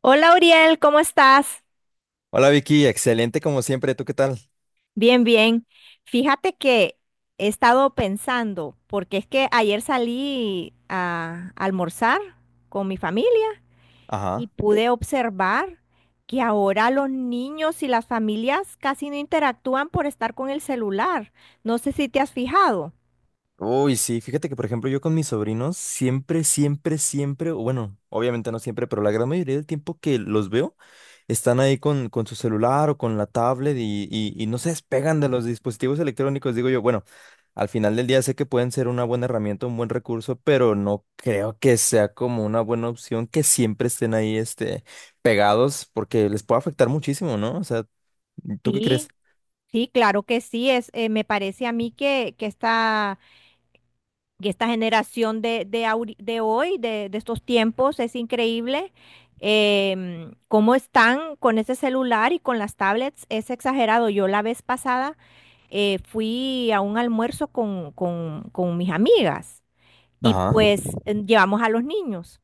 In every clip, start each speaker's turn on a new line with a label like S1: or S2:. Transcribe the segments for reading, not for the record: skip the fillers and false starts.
S1: Hola Uriel, ¿cómo estás?
S2: Hola Vicky, excelente como siempre, ¿tú qué tal?
S1: Bien, bien. Fíjate que he estado pensando, porque es que ayer salí a almorzar con mi familia y
S2: Ajá.
S1: pude observar que ahora los niños y las familias casi no interactúan por estar con el celular. No sé si te has fijado.
S2: Uy, sí, fíjate que por ejemplo yo con mis sobrinos siempre, o bueno, obviamente no siempre, pero la gran mayoría del tiempo que los veo están ahí con su celular o con la tablet y no se despegan de los dispositivos electrónicos, digo yo, bueno, al final del día sé que pueden ser una buena herramienta, un buen recurso, pero no creo que sea como una buena opción que siempre estén ahí, este, pegados porque les puede afectar muchísimo, ¿no? O sea, ¿tú qué crees?
S1: Sí, sí, claro que sí. Me parece a mí que esta generación de hoy, de estos tiempos, es increíble, cómo están con ese celular y con las tablets. Es exagerado. Yo la vez pasada fui a un almuerzo con mis amigas y
S2: Ajá,
S1: llevamos a los niños.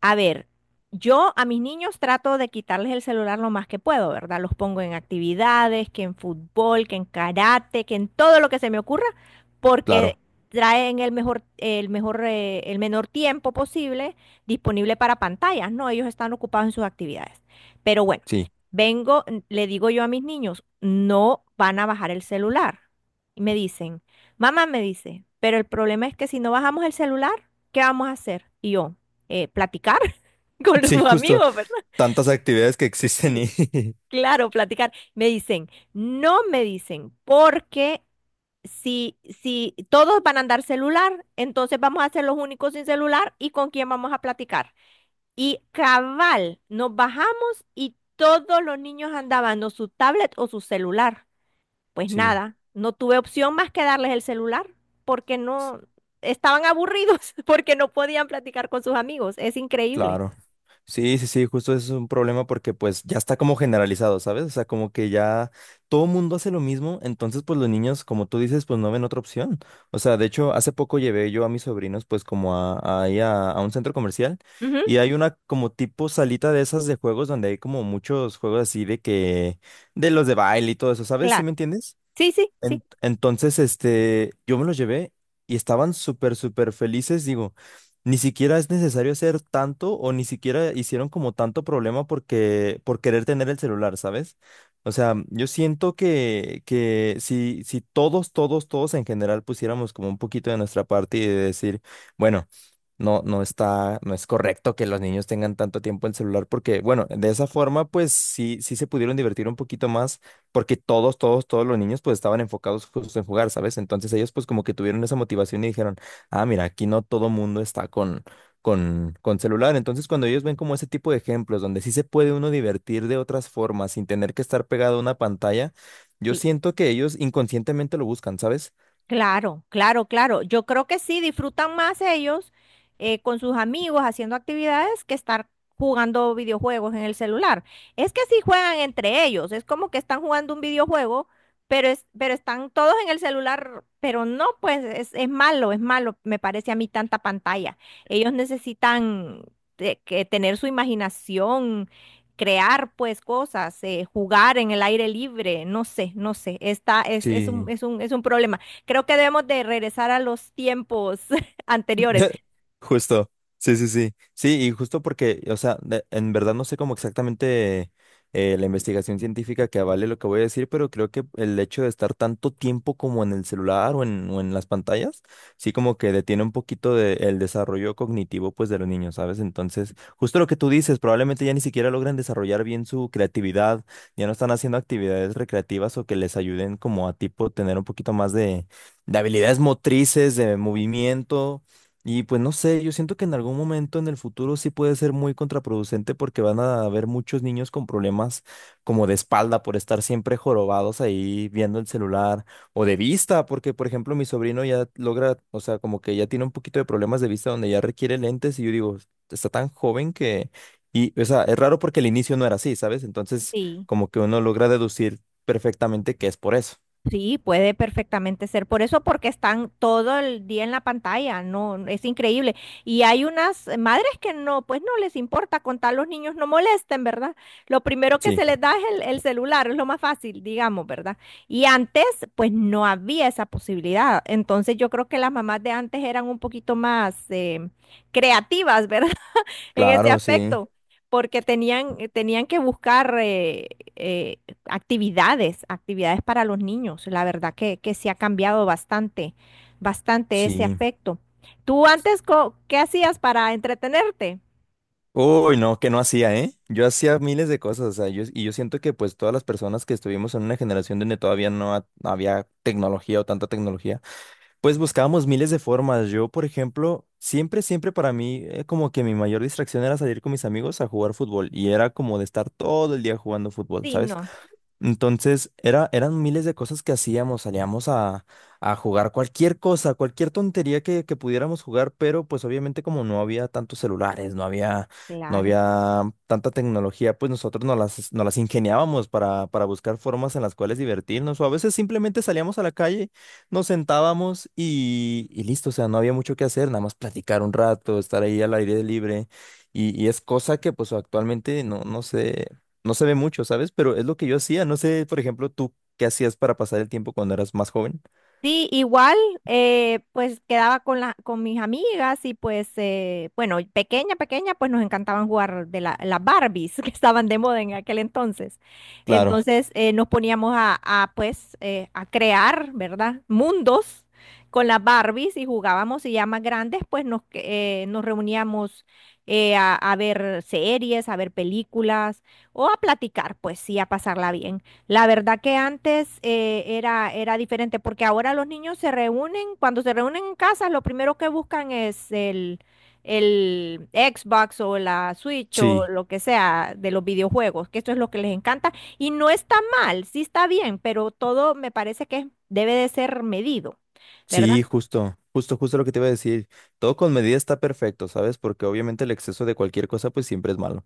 S1: A ver, yo a mis niños trato de quitarles el celular lo más que puedo, ¿verdad? Los pongo en actividades, que en fútbol, que en karate, que en todo lo que se me ocurra, porque
S2: claro.
S1: traen el menor tiempo posible disponible para pantallas, ¿no? Ellos están ocupados en sus actividades. Pero bueno,
S2: Sí,
S1: vengo, le digo yo a mis niños, no van a bajar el celular. Y me dicen, mamá me dice, pero el problema es que si no bajamos el celular, ¿qué vamos a hacer? Y yo, platicar con
S2: sí,
S1: sus
S2: justo
S1: amigos, ¿verdad?
S2: tantas actividades que existen
S1: Sí.
S2: y
S1: Claro, platicar. Me dicen, no me dicen, porque si todos van a andar celular, entonces vamos a ser los únicos sin celular y con quién vamos a platicar. Y cabal, nos bajamos y todos los niños andaban o su tablet o su celular. Pues
S2: sí,
S1: nada, no tuve opción más que darles el celular porque no estaban aburridos, porque no podían platicar con sus amigos. Es increíble.
S2: claro. Sí, justo eso es un problema porque pues ya está como generalizado, ¿sabes? O sea, como que ya todo mundo hace lo mismo, entonces pues los niños, como tú dices, pues no ven otra opción. O sea, de hecho, hace poco llevé yo a mis sobrinos pues como a, ahí a un centro comercial
S1: Ujú,
S2: y hay una como tipo salita de esas de juegos donde hay como muchos juegos así de que, de los de baile y todo eso, ¿sabes? ¿Sí
S1: claro.
S2: me entiendes?
S1: Sí, sí, sí.
S2: Entonces, este, yo me los llevé y estaban súper felices. Digo, ni siquiera es necesario hacer tanto o ni siquiera hicieron como tanto problema porque, por querer tener el celular, ¿sabes? O sea, yo siento que si todos en general pusiéramos como un poquito de nuestra parte y de decir, bueno, no está, no es correcto que los niños tengan tanto tiempo el celular porque, bueno, de esa forma, pues sí, sí se pudieron divertir un poquito más porque todos los niños pues estaban enfocados justo en jugar, ¿sabes? Entonces ellos pues como que tuvieron esa motivación y dijeron, ah, mira, aquí no todo mundo está con, con celular. Entonces cuando ellos ven como ese tipo de ejemplos donde sí se puede uno divertir de otras formas sin tener que estar pegado a una pantalla, yo
S1: Sí,
S2: siento que ellos inconscientemente lo buscan, ¿sabes?
S1: claro, claro, claro. Yo creo que sí, disfrutan más ellos, con sus amigos haciendo actividades que estar jugando videojuegos en el celular. Es que sí juegan entre ellos, es como que están jugando un videojuego, pero, es, pero están todos en el celular, pero no, pues es malo, me parece a mí tanta pantalla. Ellos necesitan te- que tener su imaginación, crear pues cosas, jugar en el aire libre, no sé, no sé, está,
S2: Sí.
S1: es un problema. Creo que debemos de regresar a los tiempos anteriores.
S2: Justo, sí. Sí, y justo porque, o sea, de- en verdad no sé cómo exactamente la investigación científica que avale lo que voy a decir, pero creo que el hecho de estar tanto tiempo como en el celular o en las pantallas, sí como que detiene un poquito de, el desarrollo cognitivo pues de los niños, ¿sabes? Entonces, justo lo que tú dices, probablemente ya ni siquiera logran desarrollar bien su creatividad, ya no están haciendo actividades recreativas o que les ayuden como a tipo tener un poquito más de habilidades motrices, de movimiento. Y pues no sé, yo siento que en algún momento en el futuro sí puede ser muy contraproducente porque van a haber muchos niños con problemas como de espalda por estar siempre jorobados ahí viendo el celular o de vista, porque por ejemplo mi sobrino ya logra, o sea, como que ya tiene un poquito de problemas de vista donde ya requiere lentes y yo digo, está tan joven que, y o sea, es raro porque el inicio no era así, ¿sabes? Entonces
S1: Sí,
S2: como que uno logra deducir perfectamente que es por eso.
S1: sí, puede perfectamente ser. Por eso, porque están todo el día en la pantalla, no, no, es increíble. Y hay unas madres que no, pues no les importa contar los niños no molesten, ¿verdad? Lo primero que
S2: Sí,
S1: se les da es el celular, es lo más fácil, digamos, ¿verdad? Y antes, pues no había esa posibilidad. Entonces, yo creo que las mamás de antes eran un poquito más, creativas, ¿verdad? En ese
S2: claro, sí,
S1: aspecto, porque tenían, tenían que buscar eh, actividades, actividades para los niños. La verdad que se ha cambiado bastante, bastante ese
S2: sí.
S1: aspecto. ¿Tú antes qué hacías para entretenerte?
S2: Uy, no, que no hacía, ¿eh? Yo hacía miles de cosas, o sea, yo, y yo siento que pues todas las personas que estuvimos en una generación donde todavía no había tecnología o tanta tecnología, pues buscábamos miles de formas. Yo, por ejemplo, siempre para mí, como que mi mayor distracción era salir con mis amigos a jugar fútbol y era como de estar todo el día jugando fútbol,
S1: Sí,
S2: ¿sabes?
S1: no,
S2: Entonces, era, eran miles de cosas que hacíamos, salíamos a jugar cualquier cosa, cualquier tontería que pudiéramos jugar, pero pues obviamente como no había tantos celulares, no había, no
S1: claro.
S2: había tanta tecnología, pues nosotros nos las ingeniábamos para buscar formas en las cuales divertirnos, o a veces simplemente salíamos a la calle, nos sentábamos y listo, o sea, no había mucho que hacer, nada más platicar un rato, estar ahí al aire libre. Y es cosa que pues actualmente no, no sé, no se ve mucho, ¿sabes? Pero es lo que yo hacía. No sé, por ejemplo, tú qué hacías para pasar el tiempo cuando eras más joven.
S1: Sí, igual, pues quedaba con con mis amigas y pues, bueno, pequeña, pequeña, pues nos encantaban jugar las Barbies que estaban de moda en aquel entonces.
S2: Claro,
S1: Nos poníamos a, pues, a crear, ¿verdad? Mundos con las Barbies y jugábamos y ya más grandes, pues nos, nos reuníamos, a ver series, a ver películas o a platicar, pues sí, a pasarla bien. La verdad que antes, era, era diferente, porque ahora los niños se reúnen, cuando se reúnen en casa, lo primero que buscan es el Xbox o la Switch o
S2: sí,
S1: lo que sea de los videojuegos, que esto es lo que les encanta. Y no está mal, sí está bien, pero todo me parece que debe de ser medido, ¿verdad?
S2: sí, justo, justo lo que te iba a decir. Todo con medida está perfecto, ¿sabes? Porque obviamente el exceso de cualquier cosa pues siempre es malo.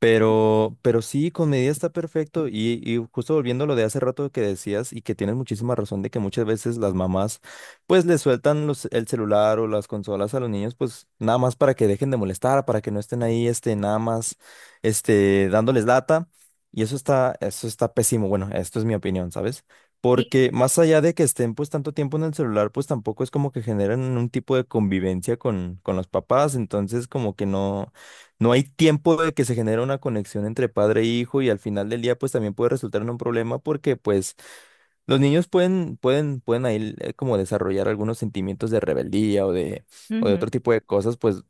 S2: Pero sí, con medida está perfecto. Y justo volviendo a lo de hace rato que decías y que tienes muchísima razón de que muchas veces las mamás pues le sueltan los, el celular o las consolas a los niños pues nada más para que dejen de molestar, para que no estén ahí este, nada más este, dándoles lata. Y eso está pésimo. Bueno, esto es mi opinión, ¿sabes?
S1: Sí.
S2: Porque más allá de que estén pues tanto tiempo en el celular, pues tampoco es como que generan un tipo de convivencia con los papás. Entonces como que no. No hay tiempo de que se genere una conexión entre padre e hijo y al final del día pues también puede resultar en un problema porque pues los niños pueden ahí como desarrollar algunos sentimientos de rebeldía o de otro
S1: Ujú.
S2: tipo de cosas pues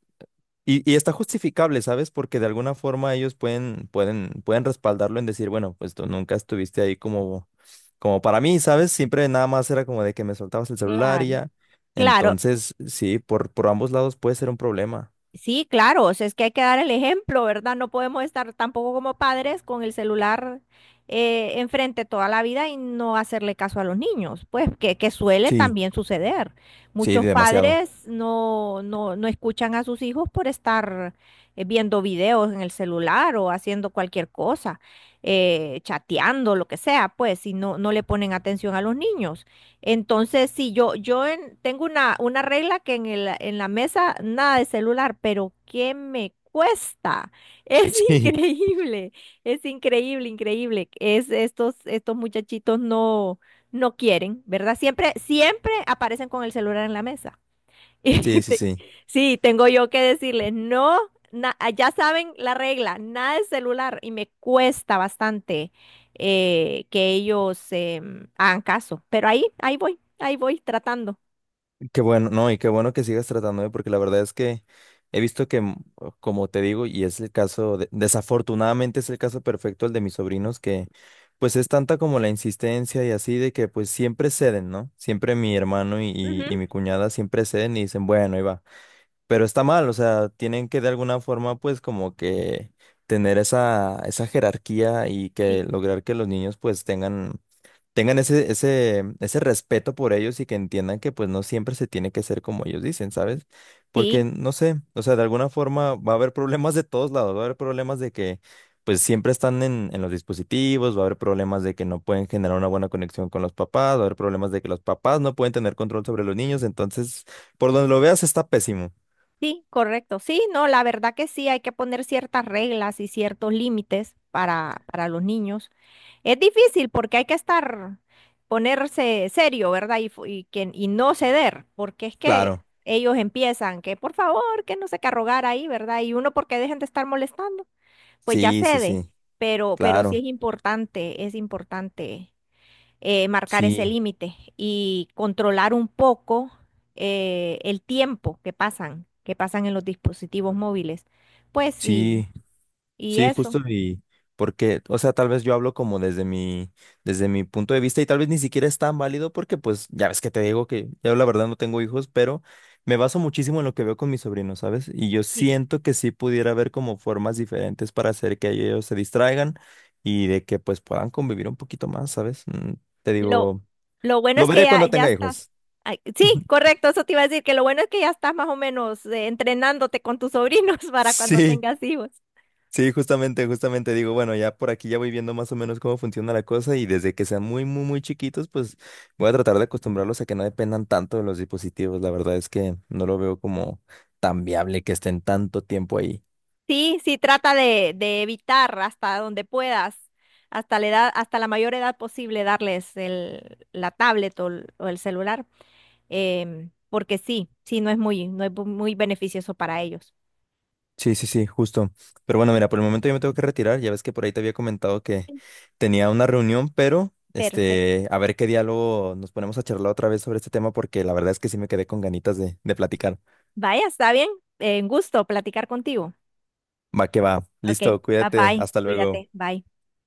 S2: y está justificable, ¿sabes? Porque de alguna forma ellos pueden respaldarlo en decir, bueno, pues tú nunca estuviste ahí como como para mí, ¿sabes? Siempre nada más era como de que me soltabas el celular y
S1: Claro.
S2: ya.
S1: Claro,
S2: Entonces, sí, por ambos lados puede ser un problema.
S1: sí, claro, o sea, es que hay que dar el ejemplo, ¿verdad? No podemos estar tampoco como padres con el celular, enfrente toda la vida y no hacerle caso a los niños, pues que suele
S2: Sí,
S1: también suceder.
S2: sí,
S1: Muchos
S2: demasiado.
S1: padres no escuchan a sus hijos por estar, viendo videos en el celular o haciendo cualquier cosa, chateando, lo que sea, pues, y no, no le ponen atención a los niños. Entonces, si yo, yo tengo una regla que en en la mesa nada de celular, pero ¿qué me cuesta? Es
S2: sí
S1: increíble, es increíble, increíble. Es estos, estos muchachitos no, no quieren, ¿verdad? Siempre, siempre aparecen con el celular en la mesa. Y
S2: Sí, sí, sí.
S1: sí, tengo yo que decirles, no, ya saben la regla, nada de celular y me cuesta bastante, que ellos, hagan caso, pero ahí, ahí voy tratando.
S2: Qué bueno, no, y qué bueno que sigas tratándome, porque la verdad es que he visto que, mm, como te digo, y es el caso, de- desafortunadamente es el caso perfecto el de mis sobrinos, que pues es tanta como la insistencia y así de que pues siempre ceden, ¿no? Siempre mi hermano y
S1: Ujú,
S2: mi cuñada siempre ceden y dicen, bueno, iba. Pero está mal, o sea, tienen que de alguna forma pues como que tener esa, esa jerarquía y
S1: sí,
S2: que lograr que los niños pues tengan, tengan ese, ese, ese respeto por ellos y que entiendan que pues no siempre se tiene que ser como ellos dicen, ¿sabes? Porque
S1: sí.
S2: no sé, o sea, de alguna forma va a haber problemas de todos lados, va a haber problemas de que pues siempre están en los dispositivos, va a haber problemas de que no pueden generar una buena conexión con los papás, va a haber problemas de que los papás no pueden tener control sobre los niños, entonces, por donde lo veas está pésimo.
S1: Sí, correcto. Sí, no, la verdad que sí, hay que poner ciertas reglas y ciertos límites para los niños. Es difícil porque hay que estar, ponerse serio, ¿verdad? Y no ceder, porque es que
S2: Claro,
S1: ellos empiezan que por favor, que no se qué a rogar ahí, ¿verdad? Y uno porque dejen de estar molestando, pues ya
S2: sí, sí,
S1: cede,
S2: sí,
S1: pero sí
S2: claro,
S1: es importante, es importante, marcar ese
S2: sí,
S1: límite y controlar un poco, el tiempo que pasan en los dispositivos móviles. Pues sí,
S2: sí,
S1: y sí,
S2: sí,
S1: eso,
S2: justo y porque, o sea, tal vez yo hablo como desde mi punto de vista y tal vez ni siquiera es tan válido porque pues ya ves que te digo que yo la verdad no tengo hijos, pero me baso muchísimo en lo que veo con mis sobrinos, ¿sabes? Y yo
S1: sí.
S2: siento que sí pudiera haber como formas diferentes para hacer que ellos se distraigan y de que pues puedan convivir un poquito más, ¿sabes? Mm, te
S1: Lo,
S2: digo,
S1: lo bueno
S2: lo
S1: es que
S2: veré
S1: ya,
S2: cuando
S1: ya
S2: tenga
S1: estás.
S2: hijos.
S1: Ay, sí, correcto, eso te iba a decir, que lo bueno es que ya estás más o menos, entrenándote con tus sobrinos para cuando
S2: Sí.
S1: tengas hijos.
S2: Sí, justamente, justamente digo, bueno, ya por aquí ya voy viendo más o menos cómo funciona la cosa y desde que sean muy chiquitos, pues voy a tratar de acostumbrarlos a que no dependan tanto de los dispositivos. La verdad es que no lo veo como tan viable que estén tanto tiempo ahí.
S1: Sí, sí, trata de evitar hasta donde puedas. Hasta la edad, hasta la mayor edad posible darles la tablet o el celular. Porque sí, sí, no es muy, no es muy beneficioso para ellos.
S2: Sí, sí, sí, justo. Pero bueno, mira, por el momento yo me tengo que retirar. Ya ves que por ahí te había comentado que tenía una reunión, pero
S1: Perfecto.
S2: este, a ver qué diálogo nos ponemos a charlar otra vez sobre este tema porque la verdad es que sí me quedé con ganitas de platicar.
S1: Vaya, está bien. Un gusto platicar contigo.
S2: Va que va.
S1: Ok,
S2: Listo,
S1: bye
S2: cuídate.
S1: bye.
S2: Hasta luego.
S1: Cuídate. Bye.